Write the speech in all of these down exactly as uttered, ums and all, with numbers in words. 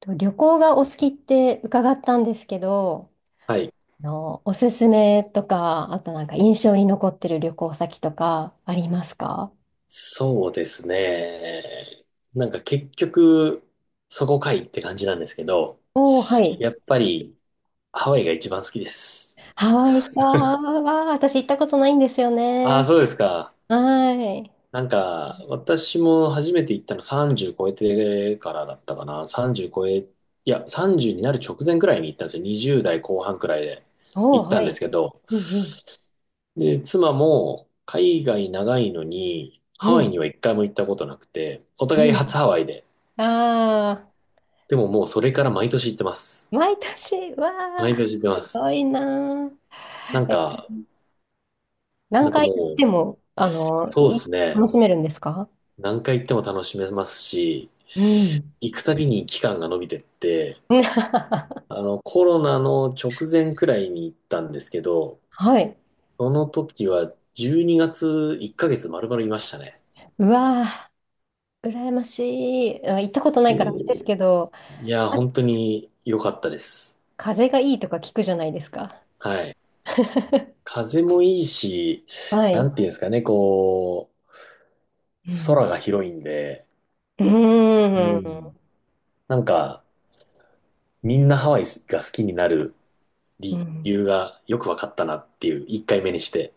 と旅行がお好きって伺ったんですけど、はい。あの、おすすめとか、あとなんか印象に残ってる旅行先とかありますか？そうですね。なんか結局、そこかいって感じなんですけど、おおー、はい。やっぱりハワイが一番好きです。ハワイかは私行ったことないんですよああ、ね。そうですか。はい。なんか、私も初めて行ったのさんじゅう超えてからだったかな。さんじゅう超え、いや、さんじゅうになる直前くらいに行ったんですよ。にじゅうだい代後半くらいでおお、行っはたんでい。すけど。うんうん。で、妻も海外長いのに、ハうワイんには一回も行ったことなくて、おう互い初ハワイで。ん。ああ、でももうそれから毎年行ってます。毎年、わ毎あ、す年行ってます。ごいななあ。んえ、か、何なんか回も行ってう、も、あの、そうでいすね。楽しめるんですか？何回行っても楽しめますし、うん。行くたびに期間が伸びてって、あの、コロナの直前くらいに行ったんですけど、はい。その時はじゅうにがついっかげつ丸々いましたね。うわー羨ましい。あ行ったことないからあれでで、すけど、いや、あ本当に良かったです。風がいいとか聞くじゃないですか。はい。風もいいし、はない。んていうんですかね、こう、うん。空が広いんで、ううーん。ん。なんか、みんなハワイが好きになるう理ん由がよく分かったなっていう、いっかいめにして。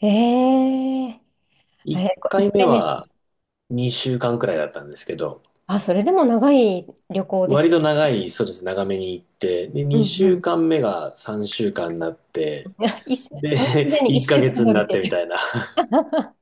ええあ1れ、こ一回目回目。はにしゅうかんくらいだったんですけど、あ、それでも長い旅行です割よ。と長い、そうです、長めに行って、で、うん2う週ん。間目がさんしゅうかんになって、一週で、もうすで に1一週ヶ間月に伸なびっててみたる。いな、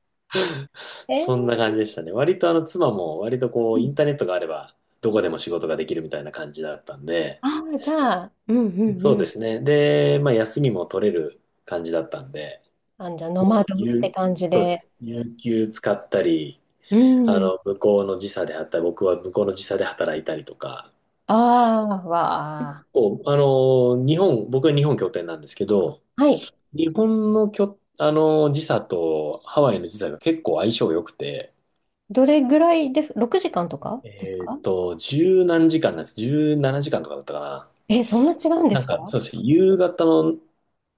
えそんなえ感じでしたね。割とあの妻も割とこうう、イんンターネットがあれば、どこでも仕事ができるみたいな感じだったんで、ああ、じゃあ、うんうんそううでん。すね。で、まあ休みも取れる感じだったんで、あ、じゃあ、ノマもう、ドって有、感じそうでで。すね。有給使ったり、うあん。の、向こうの時差であったり、僕は向こうの時差で働いたりとか、ああ、わあ。こう、あの、日本、僕は日本拠点なんですけど、はい。日本の拠、あの、時差とハワイの時差が結構相性良くて、どれぐらいです？ ろくじかん 時間とかですえっか？と、じゅうなんじかんなんです。じゅうななじかんとかだったかな。え、そんな違うんでなんすか、か？そうですね。夕方の、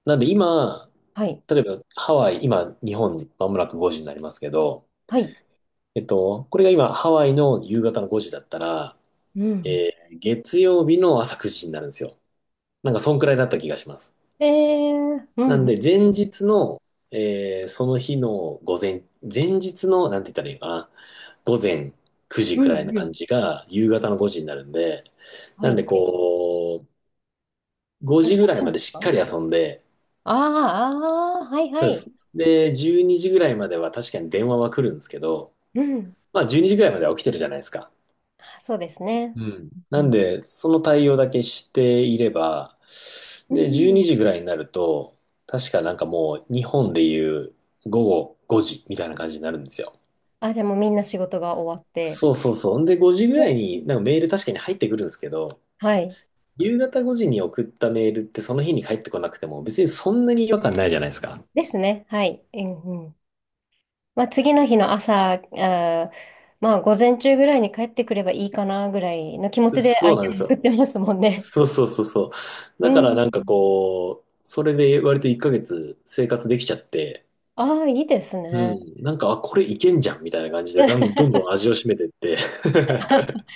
なんで今、はい。例えばハワイ、今、日本、まもなくごじになりますけど、はい。えっと、これが今、ハワイの夕方のごじだったら、うん。えー月曜日の朝くじになるんですよ。なんか、そんくらいだった気がします。えー、うなんん、で、前日の、えーその日の午前、前日の、なんて言ったらいいのかな、午前くじうん、くらいなう感ん。じが、夕方のごじになるんで、はなんい、で、はい。こう、5逆時にぐらいいいんまでですしか？っかりあ遊んで、ーあー、はい、はそうでい。す。で、じゅうにじぐらいまでは確かに電話は来るんですけど、うん。まあ、じゅうにじぐらいまでは起きてるじゃないですか。そうですね。うん。うなんん。で、その対応だけしていれば、うで、12ん時ぐらいになると、確かなんかもう日本でいう午後ごじみたいな感じになるんですよ。あ、じゃあもうみんな仕事が終わって。そうそうそう。んで、ごじぐうらいんになんかメール確かに入ってくるんですけど、はい。夕方ごじに送ったメールってその日に返ってこなくても別にそんなに違和感ないじゃないですか。ですね。はい。うん、うん。まあ、次の日の朝、あー、まあ、午前中ぐらいに帰ってくればいいかなぐらいの気持ちでそう相な手んでにす送っよ。てますもんね。そうそうそうそう。うだからなんかん。こう、それで割といっかげつ生活できちゃって、ああ、いいですうね。ん。なんか、あ、これいけんじゃんみたいな感じで、だんどん どん味を占めてって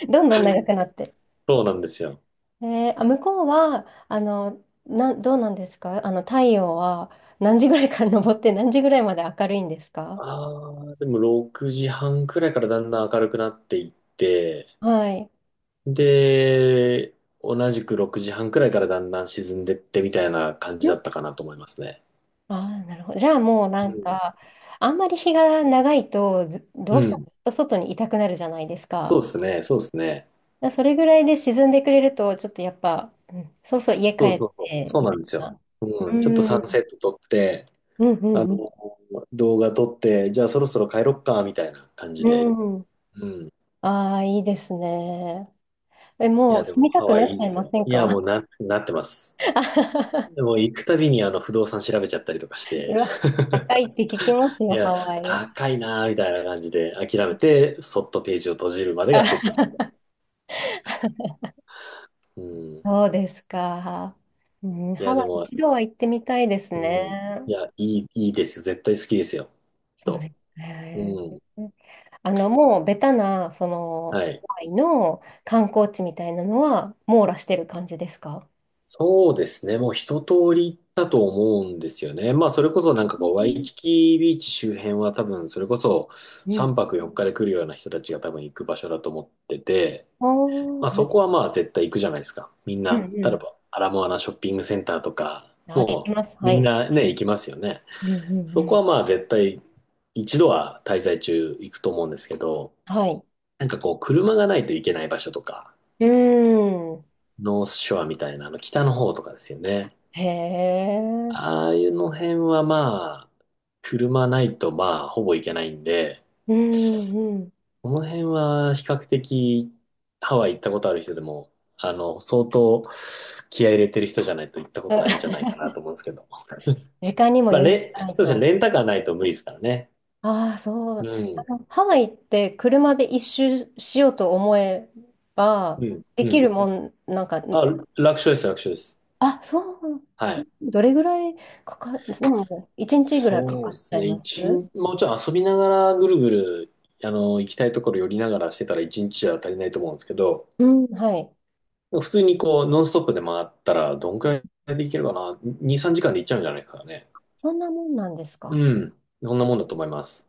どんど んう長ん。くなって。そうなんですよ。えー、あ、向こうは、あの、な、どうなんですか？あの、太陽は何時ぐらいから 昇って何時ぐらいまで明るいんですか？ああ、でもろくじはんくらいからだんだん明るくなっていって、はい。んで、同じくろくじはんくらいからだんだん沈んでってみたいな感じだったかなと思いますね。ああー、なるほど。じゃあもううなんん。か、あんまり日が長いとず、うどうしてもん。ずっと外にいたくなるじゃないですそか。うですね、そうですね。だからそれぐらいで沈んでくれると、ちょっとやっぱ、うん、そうそう家帰そうっそうそう。て、そうみたなんいですよ。な。ううん。ちょっとん、サうンん、セット撮って、うん、あの、うん。動画撮って、じゃあそろそろ帰ろっか、みたいな感じで。うん。うん。ああ、いいですね。え、いもや、うで住もみたハくワなイいっいんちでゃいすまよ。せんいや、もうか？ な、なってます。でも行くたびにあの不動産調べちゃったりとかしうて、わ、高いって聞きますいよ、ハや、ワイは。高いなーみたいな感じで諦めて、そっとページを閉じるまでがセットですね。うん。いあそうですか。うん、ハや、ワでイも、一度は行ってみたいですうね。ん。いや、いい、いいですよ。絶対好きですよ。きっそうでと。すね。うん。あの、もうベタな、その、はい。ハワイの観光地みたいなのは網羅してる感じですか？そうですね。もう一通り行ったと思うんですよね。まあ、それこそなんかうこう、ワイんキキビーチ周辺は多分、それこそう3ん。泊よっかで来るような人たちが多分行く場所だと思ってて、おまあー、はそこい。はまあ絶対行くじゃないですか。みんうな、例えんばアラモアナショッピングセンターとか、うん。あ、聞きもます。うはみんい。なね、行きますよね。うんうそんうこん。はまあ絶対一度は滞在中行くと思うんですけど、はい。なんかこう車がないといけない場所とか、うーん。ノースショアみたいなあの北の方とかですよね。へえ。ああいうの辺はまあ、車ないとまあほぼ行けないんで、うんうん。この辺は比較的ハワイ行ったことある人でも、あの、相当気合い入れてる人じゃないと行った ことないんじあゃないかなと思うんですけど。時間にもまあ、余裕レ、がないそうですね、と。レンタカーないと無理ですからね。ああ、そう。うあん。の、ハワイって車で一周しようと思えば、うん。でうきん。るもん、なんか、あ、ん楽勝です、楽勝です。あ、そう、はい。どれぐらいかか、でも、いちにちぐらいかそうかでっちすゃいね。ま一す？日、もちろん遊びながらぐるぐる、あの、行きたいところ寄りながらしてたら一日じゃ足りないと思うんですけど、うん、はい。普通にこう、ノンストップで回ったら、どんくらいで行けるかな？ に、さんじかんで行っちゃうんじゃないですかね。そんなもんなんですうか。ん。そんなもんだと思います。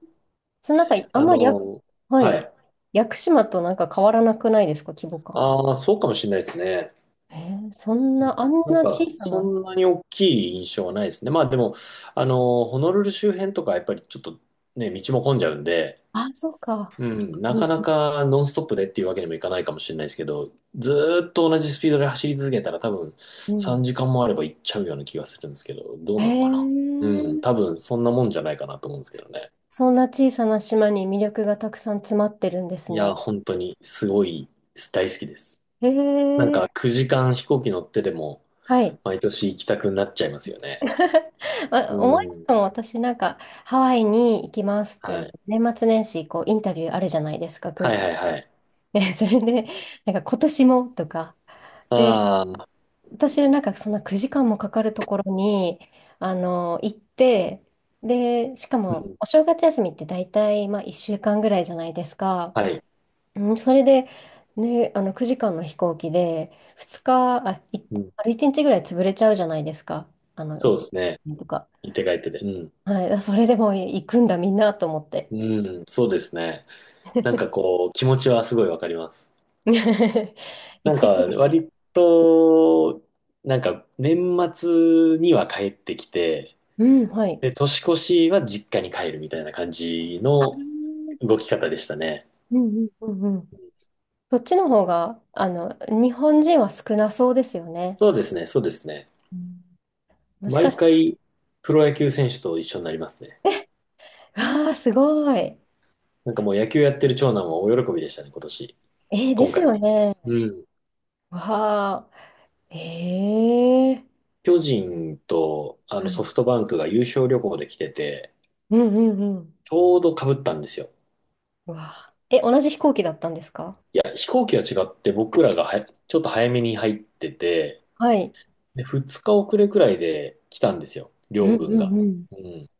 そのなんか、あんあまや、の、ははい。い。屋久島となんか変わらなくないですか、規模感。ああ、そうかもしれないですね。えー、そんな、あんなんな小か、さそな。んなに大きい印象はないですね。まあでも、あの、ホノルル周辺とかやっぱりちょっとね、道も混んじゃうんで、あ、そうか。うん、なうん、かなかノンストップでっていうわけにもいかないかもしれないですけど、ずーっと同じスピードで走り続けたら多分う3ん。時間もあれば行っちゃうような気がするんですけど、どうなのかな。へうん、多え。分そんなもんじゃないかなと思うんですけどね。そんな小さな島に魅力がたくさん詰まってるんですいね。や、本当にすごい大好きです。へなんえ、かくじかん飛行機乗ってでもはい。毎年行きたくなっちゃいますよね。うあ思いますもん、ん。私なんか、ハワイに行きますって、はあの、い。年末年始、こう、インタビューあるじゃないですか、空はい港はいはで。い。で それで、なんか、今年もとか。で、ああ、私なんか、そんなくじかんもかかるところに、あの、行って、で、しかうも、ん。お正月休みって大体、まあ、いっしゅうかんぐらいじゃないですか。はい。うん、それで、ね、あのくじかんの飛行機でふつか、あ、い、うん。あれいちにちぐらい潰れちゃうじゃないですか。あの、行っそうでて帰すね。ってとか。行って帰ってで。うん。はい、あそれでもう行くんだみんなと思って。うん。そうですね。なんかこう、気持ちはすごいわかります。な行っんかてみると。割と、なんか年末には帰ってきて、うん、はい。で、年越しは実家に帰るみたいな感じあーの動き方でしたね。うんうんうんうん。そっちの方が、あの、日本人は少なそうですよね。そうですね。そうですね。うんもしか毎して、回、プロ野球選手と一緒になりますね。わあ、すごい。えなんかもう野球やってる長男は大喜びでしたね、今年。ーで今す回。よね。うん。わあ、ええー巨人とあのはいソフトバンクが優勝旅行で来てて、うんうんうん。ちょうど被ったんですよ。うわあえ、同じ飛行機だったんですか？いや、飛行機は違って僕らがはちょっと早めに入ってて、はい。で、ふつか遅れくらいで来たんですよ、う両ん軍うんが。うん。うん。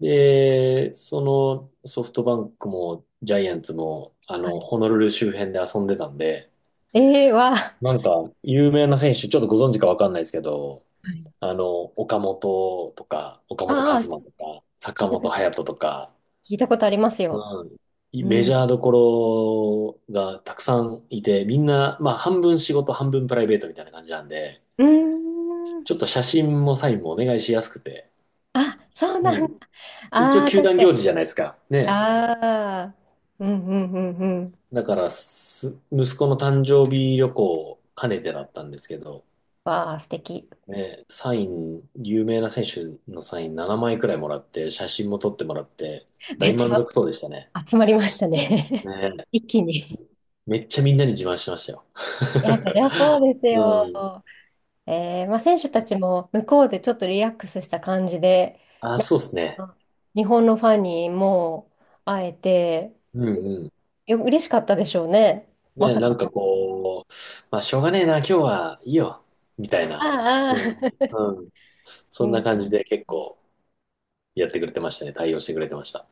で、そのソフトバンクもジャイアンツも、あはの、い。ホノルル周辺で遊んでたんで、ええわあ、なんか、有名な選手、ちょっとご存知かわかんないですけど、はいあの、岡本とか、岡本和ああ、真とか、聞坂いたこ本と、勇人とか、聞いたことありますよ。うん、いうメジャん。ーどころがたくさんいて、みんな、まあ、半分仕事、半分プライベートみたいな感じなんで、うーん。ちょっと写真もサインもお願いしやすくて、あ、そううなん。んだ。一応、ああ、球確団か行に。事じゃないですか。ね。ああ。うんうんうんうん。だからす、息子の誕生日旅行を兼ねてだったんですけど、わあ、素敵。ね、サイン、有名な選手のサインななまいくらいもらって、写真も撮ってもらって、め大っち満ゃ足そうでしたね。集まりましたね。ね、一気に。めっちゃみんなに自慢してましたよ。いや、そりゃ そうですよ。うん。えー、まあ、選手たちも向こうでちょっとリラックスした感じで、あ、そうですね。あ日本のファンにもう会えて、うんうん。よ、嬉しかったでしょうね。まね、さなかんかの。こう、まあ、しょうがねえな、今日はいいよ、みたいな。あうあ、ああ ん。うん。そうんな感じん。で結構やってくれてましたね。対応してくれてました。